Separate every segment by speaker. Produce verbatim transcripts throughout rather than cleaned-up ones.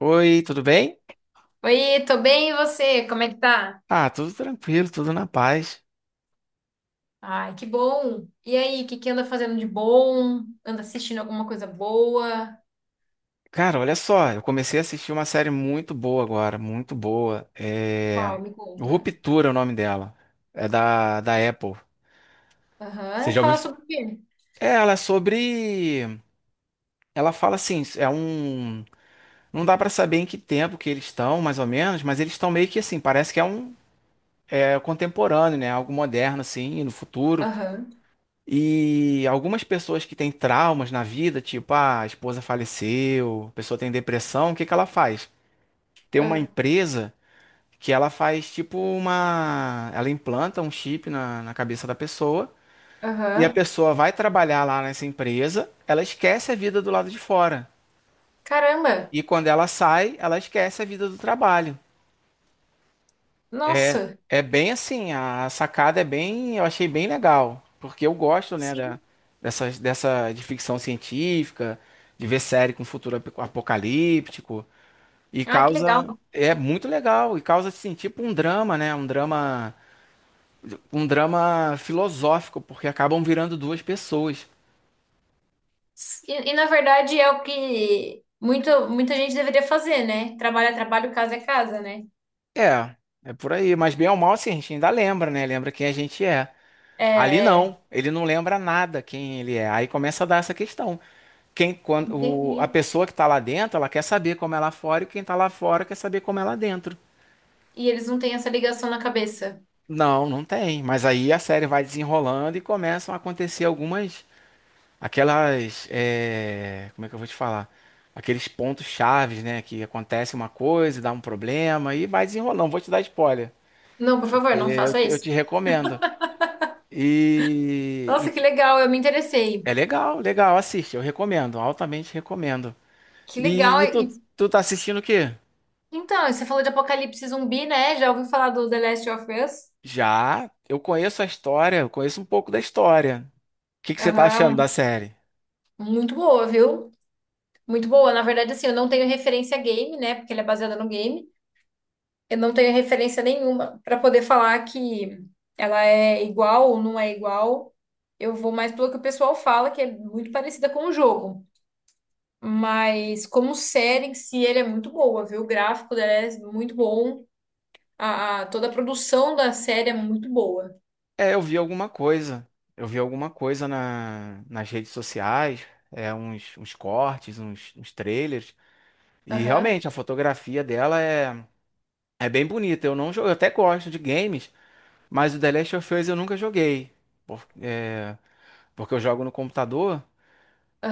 Speaker 1: Oi, tudo bem?
Speaker 2: Oi, tô bem, e você? Como é que tá?
Speaker 1: Ah, tudo tranquilo, tudo na paz.
Speaker 2: Ai, que bom! E aí, o que que anda fazendo de bom? Anda assistindo alguma coisa boa?
Speaker 1: Cara, olha só, eu comecei a assistir uma série muito boa agora, muito boa. É...
Speaker 2: Uau, me conta.
Speaker 1: Ruptura é o nome dela. É da, da Apple. Você
Speaker 2: Aham,
Speaker 1: já ouviu?
Speaker 2: fala sobre o quê?
Speaker 1: É, ela é sobre. Ela fala assim, é um. Não dá pra saber em que tempo que eles estão, mais ou menos, mas eles estão meio que assim, parece que é um é contemporâneo, né? Algo moderno, assim, no futuro.
Speaker 2: Aham,
Speaker 1: E algumas pessoas que têm traumas na vida, tipo, ah, a esposa faleceu, a pessoa tem depressão, o que que ela faz? Tem uma
Speaker 2: ah,
Speaker 1: empresa que ela faz tipo uma. Ela implanta um chip na, na cabeça da pessoa e a
Speaker 2: aham.
Speaker 1: pessoa vai trabalhar lá nessa empresa, ela esquece a vida do lado de fora.
Speaker 2: Caramba!
Speaker 1: E quando ela sai, ela esquece a vida do trabalho. É,
Speaker 2: Nossa!
Speaker 1: é bem assim, a sacada é bem, eu achei bem legal, porque eu gosto, né, da,
Speaker 2: Sim.
Speaker 1: dessa, dessa de ficção científica, de ver série com futuro ap- apocalíptico, e
Speaker 2: Ah, que
Speaker 1: causa,
Speaker 2: legal!
Speaker 1: é muito legal, e causa, assim, tipo um drama, né, um drama, um drama filosófico, porque acabam virando duas pessoas.
Speaker 2: E, e, na verdade é o que muito, muita gente deveria fazer, né? Trabalho é trabalho, casa é casa, né?
Speaker 1: É, é por aí, mas bem ou mal, assim, a gente ainda lembra, né, lembra quem a gente é. Ali
Speaker 2: É,
Speaker 1: não,
Speaker 2: é.
Speaker 1: ele não lembra nada quem ele é, aí começa a dar essa questão. Quem, quando, o-
Speaker 2: Entendi.
Speaker 1: a pessoa que está lá dentro, ela quer saber como é lá fora, e quem está lá fora quer saber como é lá dentro.
Speaker 2: E eles não têm essa ligação na cabeça.
Speaker 1: Não, não tem. Mas aí a série vai desenrolando e começam a acontecer algumas, aquelas, é, como é que eu vou te falar? Aqueles pontos chaves, né? Que acontece uma coisa, e dá um problema e vai desenrolando. Vou te dar spoiler,
Speaker 2: Não, por favor,
Speaker 1: porque
Speaker 2: não
Speaker 1: eu
Speaker 2: faça
Speaker 1: te, eu
Speaker 2: isso.
Speaker 1: te recomendo. E,
Speaker 2: Nossa, que
Speaker 1: e
Speaker 2: legal, eu me interessei.
Speaker 1: é legal, legal, assiste, eu recomendo, altamente recomendo.
Speaker 2: Que legal.
Speaker 1: E, e
Speaker 2: E,
Speaker 1: tu, tu tá assistindo o quê?
Speaker 2: então, você falou de Apocalipse Zumbi, né? Já ouviu falar do The Last of Us?
Speaker 1: Já, eu conheço a história, eu conheço um pouco da história. O que que você tá achando da
Speaker 2: Aham,
Speaker 1: série?
Speaker 2: muito boa, viu? Muito boa. Na verdade, assim, eu não tenho referência a game, né? Porque ele é baseado no game. Eu não tenho referência nenhuma para poder falar que ela é igual ou não é igual. Eu vou mais pelo que o pessoal fala, que é muito parecida com o jogo. Mas como série em si, ele é muito boa, viu? O gráfico dela é muito bom. A, a- toda a produção da série é muito boa.
Speaker 1: É, eu vi alguma coisa. Eu vi alguma coisa na, nas redes sociais, é, uns, uns cortes, uns, uns trailers. E
Speaker 2: Aham,
Speaker 1: realmente, a fotografia dela é, é bem bonita. Eu não jogo, eu até gosto de games, mas o The Last of Us eu nunca joguei. Por- é, porque eu jogo no computador.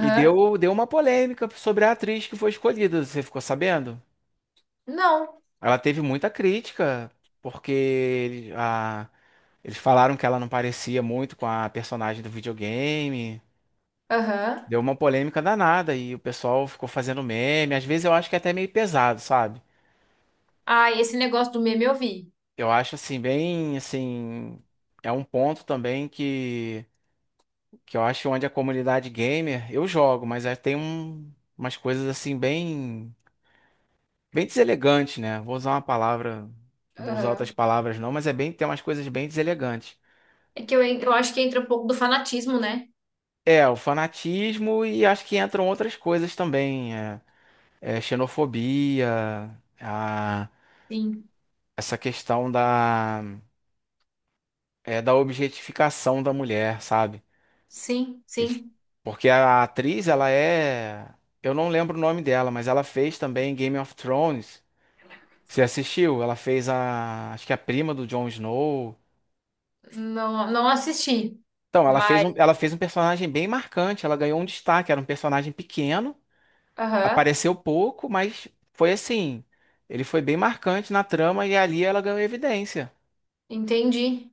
Speaker 1: E deu, deu uma polêmica sobre a atriz que foi escolhida. Você ficou sabendo?
Speaker 2: Não.
Speaker 1: Ela teve muita crítica, porque ele- a- eles falaram que ela não parecia muito com a personagem do videogame.
Speaker 2: Aham,
Speaker 1: Deu uma polêmica danada e o pessoal ficou fazendo meme. Às vezes eu acho que é até meio pesado, sabe?
Speaker 2: ah, e esse negócio do meme eu vi.
Speaker 1: Eu acho assim, bem assim. É um ponto também que, que eu acho onde a comunidade gamer, eu jogo, mas aí tem um- umas coisas assim bem, bem deselegantes, né? Vou usar uma palavra, não vou usar outras
Speaker 2: Aham.
Speaker 1: palavras não, mas é bem, tem umas coisas bem deselegantes.
Speaker 2: É que eu, en- eu acho que entra um pouco do fanatismo, né?
Speaker 1: É, o fanatismo e acho que entram outras coisas também. É, é, xenofobia, a-
Speaker 2: Sim,
Speaker 1: essa questão da, é, da objetificação da mulher, sabe?
Speaker 2: sim,
Speaker 1: Eles-
Speaker 2: sim.
Speaker 1: Porque a atriz, ela é. Eu não lembro o nome dela, mas ela fez também Game of Thrones. Você assistiu? Ela fez a. Acho que a prima do Jon Snow.
Speaker 2: Não, não assisti,
Speaker 1: Então, ela fez
Speaker 2: mas
Speaker 1: um, ela fez um personagem bem marcante. Ela ganhou um destaque. Era um personagem pequeno.
Speaker 2: aham.
Speaker 1: Apareceu pouco, mas foi assim. Ele foi bem marcante na trama e ali ela ganhou evidência
Speaker 2: Entendi.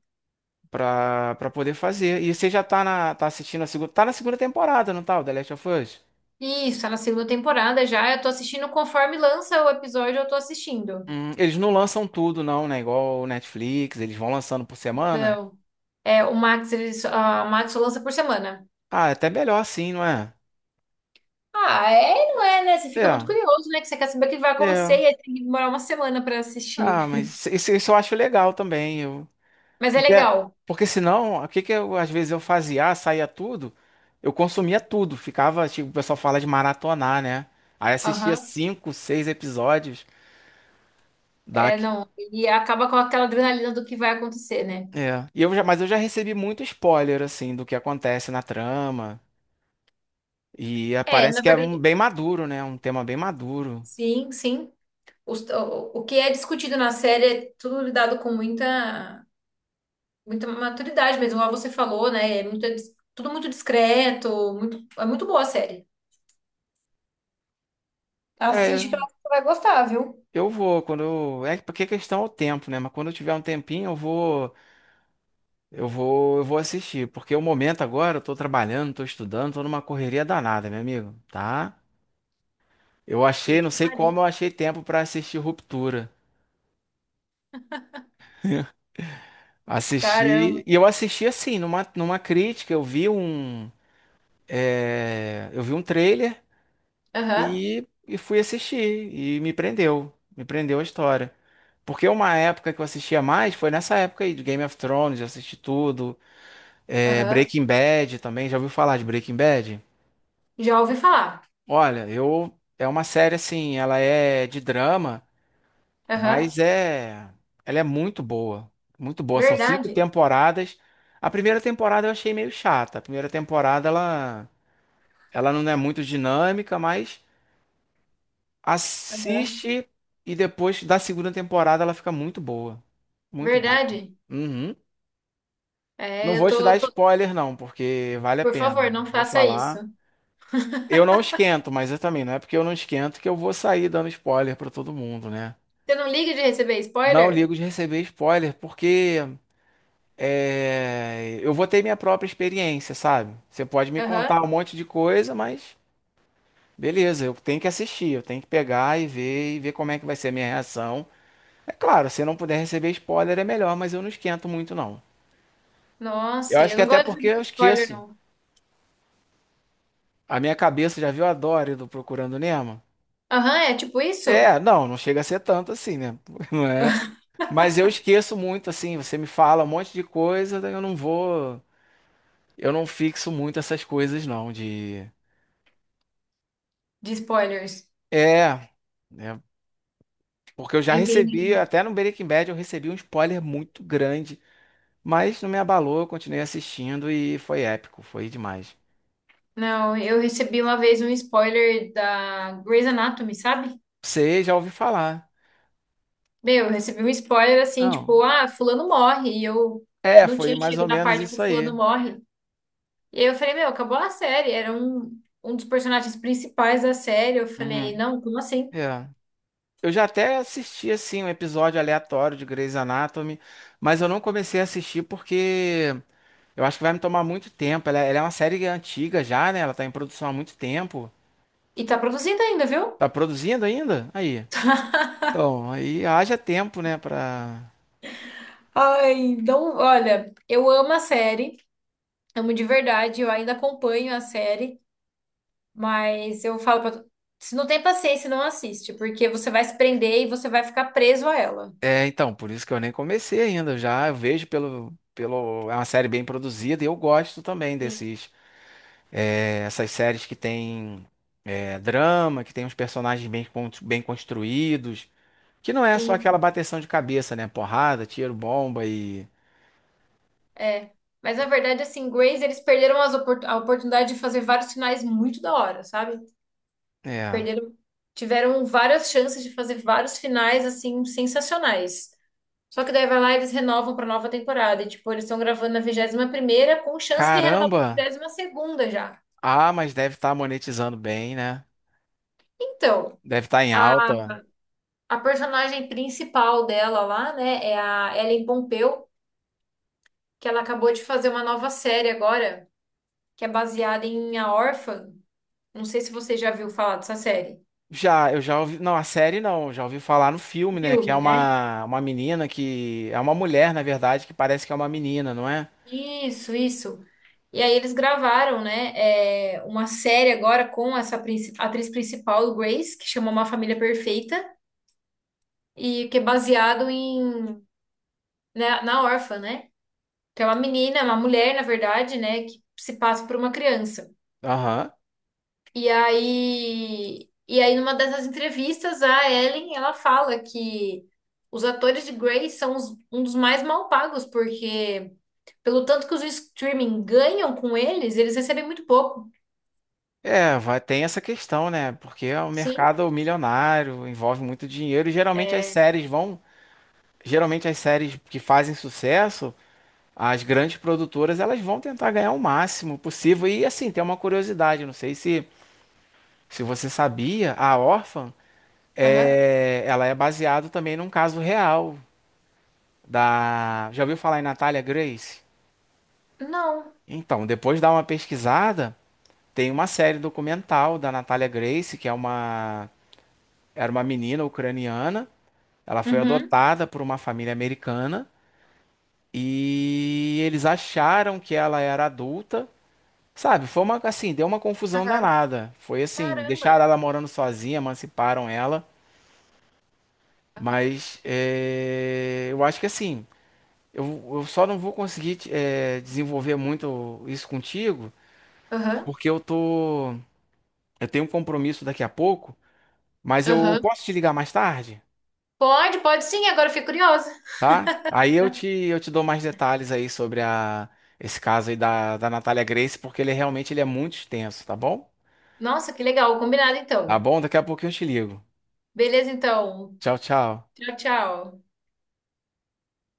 Speaker 1: pra, para poder fazer. E você já tá, na, tá assistindo a segunda. Tá na segunda temporada, não tá? O The Last of Us?
Speaker 2: Isso, tá na segunda temporada já. Eu tô assistindo conforme lança o episódio, eu tô assistindo.
Speaker 1: Hum, eles não lançam tudo, não, né? Igual o Netflix, eles vão lançando por semana.
Speaker 2: Não. É, o Max, ele, só- a Max só lança por semana.
Speaker 1: Ah, é até melhor assim, não é?
Speaker 2: Ah, é, e não é, né? Você fica muito
Speaker 1: É,
Speaker 2: curioso, né? Que você quer saber o que vai acontecer
Speaker 1: é.
Speaker 2: e aí tem que demorar uma semana pra assistir.
Speaker 1: Ah, mas isso, isso eu acho legal também.
Speaker 2: Mas é
Speaker 1: Porque,
Speaker 2: legal.
Speaker 1: porque senão, o que que eu, às vezes eu fazia, ah, saía tudo, eu consumia tudo, ficava, tipo, o pessoal fala de maratonar, né? Aí assistia
Speaker 2: Aham.
Speaker 1: cinco, seis episódios da...
Speaker 2: É, não. E acaba com aquela adrenalina do que vai acontecer, né?
Speaker 1: É. E eu já, mas eu já recebi muito spoiler, assim, do que acontece na trama, e é,
Speaker 2: É,
Speaker 1: parece
Speaker 2: na
Speaker 1: que é um,
Speaker 2: verdade,
Speaker 1: bem maduro, né? Um tema bem maduro.
Speaker 2: sim, sim. Os- O, o que é discutido na série é tudo lidado com muita, muita maturidade mesmo, como você falou, né? É muito, dis- tudo muito discreto, muito, é muito boa a série. Assiste que eu
Speaker 1: É,
Speaker 2: acho que você vai gostar, viu?
Speaker 1: eu vou, quando eu... É porque a questão é o tempo, né? Mas quando eu tiver um tempinho, eu vou... Eu vou, eu vou assistir, porque o momento agora, eu tô trabalhando, tô estudando, tô numa correria danada, meu amigo, tá? Eu achei, não
Speaker 2: Vixe,
Speaker 1: sei
Speaker 2: Maria.
Speaker 1: como eu achei tempo pra assistir Ruptura. Assisti,
Speaker 2: Caramba.
Speaker 1: e eu assisti assim, numa, numa crítica, eu vi um, é, eu vi um trailer
Speaker 2: Aham,
Speaker 1: e, e fui assistir, e me prendeu, me prendeu a história. Porque uma época que eu assistia mais foi nessa época aí de Game of Thrones, eu assisti tudo, é,
Speaker 2: aham.
Speaker 1: Breaking Bad também, já ouviu falar de Breaking Bad?
Speaker 2: Já ouvi falar.
Speaker 1: Olha, eu é uma série assim, ela é de drama,
Speaker 2: Aham,
Speaker 1: mas é ela é muito boa, muito boa. São cinco
Speaker 2: verdade.
Speaker 1: temporadas. A primeira temporada eu achei meio chata. A primeira temporada ela ela não é muito dinâmica, mas
Speaker 2: Aham,
Speaker 1: assiste e depois da segunda temporada ela fica muito boa, muito boa.
Speaker 2: verdade.
Speaker 1: Uhum. Não
Speaker 2: É, eu
Speaker 1: vou te dar
Speaker 2: tô, tô-
Speaker 1: spoiler não, porque vale a
Speaker 2: Por
Speaker 1: pena.
Speaker 2: favor, não
Speaker 1: Vou
Speaker 2: faça isso.
Speaker 1: falar. Eu não esquento, mas eu também não é porque eu não esquento que eu vou sair dando spoiler para todo mundo, né?
Speaker 2: Você não liga de receber
Speaker 1: Não
Speaker 2: spoiler?
Speaker 1: ligo de receber spoiler, porque é, eu vou ter minha própria experiência, sabe? Você pode me contar
Speaker 2: Aham.
Speaker 1: um monte de coisa, mas beleza, eu tenho que assistir, eu tenho que pegar e ver e ver como é que vai ser a minha reação. É claro, se não puder receber spoiler é melhor, mas eu não esquento muito, não. Eu
Speaker 2: Nossa,
Speaker 1: acho
Speaker 2: eu
Speaker 1: que
Speaker 2: não
Speaker 1: até
Speaker 2: gosto
Speaker 1: porque eu
Speaker 2: de spoiler,
Speaker 1: esqueço.
Speaker 2: não.
Speaker 1: A minha cabeça já viu a Dory do Procurando Nemo?
Speaker 2: Aham, é tipo isso?
Speaker 1: É, não, não chega a ser tanto assim, né? Não é? Mas eu esqueço muito, assim, você me fala um monte de coisa, daí eu não vou. Eu não fixo muito essas coisas, não, de...
Speaker 2: De spoilers.
Speaker 1: É, né? Porque eu já recebi,
Speaker 2: Entendi.
Speaker 1: até no Breaking Bad, eu recebi um spoiler muito grande, mas não me abalou, eu continuei assistindo e foi épico, foi demais.
Speaker 2: Não, eu recebi uma vez um spoiler da Grey's Anatomy, sabe?
Speaker 1: Você já ouvi falar.
Speaker 2: Meu, eu recebi um spoiler assim,
Speaker 1: Não.
Speaker 2: tipo, ah, fulano morre. E eu
Speaker 1: É,
Speaker 2: não
Speaker 1: foi
Speaker 2: tinha
Speaker 1: mais ou
Speaker 2: chegado na
Speaker 1: menos
Speaker 2: parte que o
Speaker 1: isso
Speaker 2: fulano
Speaker 1: aí.
Speaker 2: morre. E aí eu falei, meu, acabou a série. Era um, um dos personagens principais da série. Eu falei,
Speaker 1: Uhum.
Speaker 2: não, como assim?
Speaker 1: É. Eu já até assisti, assim, um episódio aleatório de Grey's Anatomy, mas eu não comecei a assistir porque eu acho que vai me tomar muito tempo. Ela, é, ela é uma série antiga já, né? Ela tá em produção há muito tempo.
Speaker 2: E tá produzindo ainda, viu?
Speaker 1: Tá produzindo ainda? Aí. Então, aí haja tempo, né, pra...
Speaker 2: Ai, então, olha, eu amo a série, amo de verdade, eu ainda acompanho a série, mas eu falo pra tu, se não tem paciência, não assiste, porque você vai se prender e você vai ficar preso a ela.
Speaker 1: É, então, por isso que eu nem comecei ainda. Já eu vejo pelo, pelo... É uma série bem produzida e eu gosto também
Speaker 2: Sim,
Speaker 1: desses... é, essas séries que tem é, drama, que tem uns personagens bem, con- bem construídos. Que não é só aquela
Speaker 2: sim,
Speaker 1: bateção de cabeça, né? Porrada, tiro, bomba e...
Speaker 2: é. Mas na verdade, assim, Grace, eles perderam as opor- a oportunidade de fazer vários finais muito da hora, sabe?
Speaker 1: É.
Speaker 2: Perderam, tiveram várias chances de fazer vários finais assim sensacionais. Só que daí vai lá e eles renovam para nova temporada. E, tipo, eles estão gravando na vigésima primeira com chance de renovar para
Speaker 1: Caramba!
Speaker 2: vigésima segunda já.
Speaker 1: Ah, mas deve estar monetizando bem, né?
Speaker 2: Então,
Speaker 1: Deve estar em
Speaker 2: a,
Speaker 1: alta.
Speaker 2: a personagem principal dela lá, né, é a Ellen Pompeu, que ela acabou de fazer uma nova série agora, que é baseada em A Órfã. Não sei se você já viu falar dessa série.
Speaker 1: Já, eu já ouvi. Não, a série não, já ouvi falar no filme, né? Que é
Speaker 2: Filme, né?
Speaker 1: uma, uma menina que. É uma mulher, na verdade, que parece que é uma menina, não é?
Speaker 2: Isso, isso. E aí eles gravaram, né, é, uma série agora com essa princi- atriz principal, Grace, que chama Uma Família Perfeita, e que é baseado em, né, na órfã, né? Que é uma menina, uma mulher, na verdade, né, que se passa por uma criança.
Speaker 1: Aham.
Speaker 2: E aí, e aí numa dessas entrevistas, a Ellen, ela fala que os atores de Grace são os- um dos mais mal pagos, porque pelo tanto que os streaming ganham com eles, eles recebem muito pouco.
Speaker 1: É, vai, tem essa questão, né? Porque é um
Speaker 2: Sim?
Speaker 1: mercado milionário, envolve muito dinheiro, e geralmente as
Speaker 2: É.
Speaker 1: séries vão. Geralmente as séries que fazem sucesso, as grandes produtoras, elas vão tentar ganhar o máximo possível. E assim, tem uma curiosidade, não sei se, se você sabia, a Orphan,
Speaker 2: Aham.
Speaker 1: é, ela é baseada também num caso real. Da. Já ouviu falar em Natalia Grace?
Speaker 2: Não.
Speaker 1: Então, depois dá uma pesquisada, tem uma série documental da Natalia Grace, que é uma. Era uma menina ucraniana. Ela foi
Speaker 2: Uhum.
Speaker 1: adotada por uma família americana e eles acharam que ela era adulta. Sabe, foi uma assim, deu uma confusão
Speaker 2: Aham.
Speaker 1: danada. Foi assim,
Speaker 2: Caramba.
Speaker 1: deixaram ela morando sozinha, emanciparam ela.
Speaker 2: Aham.
Speaker 1: Mas é, eu acho que assim, eu, eu só não vou conseguir é, desenvolver muito isso contigo,
Speaker 2: Aham.
Speaker 1: porque eu tô. Eu tenho um compromisso daqui a pouco, mas eu
Speaker 2: Aham.
Speaker 1: posso te ligar mais tarde,
Speaker 2: Pode, pode sim, agora eu fiquei curiosa.
Speaker 1: tá? Aí eu te, eu te dou mais detalhes aí sobre a, esse caso aí da, da Natália Grace, porque ele realmente ele é muito extenso, tá bom?
Speaker 2: Nossa, que legal. Combinado
Speaker 1: Tá
Speaker 2: então.
Speaker 1: bom? Daqui a pouquinho eu te ligo.
Speaker 2: Beleza, então.
Speaker 1: Tchau, tchau.
Speaker 2: Tchau, tchau.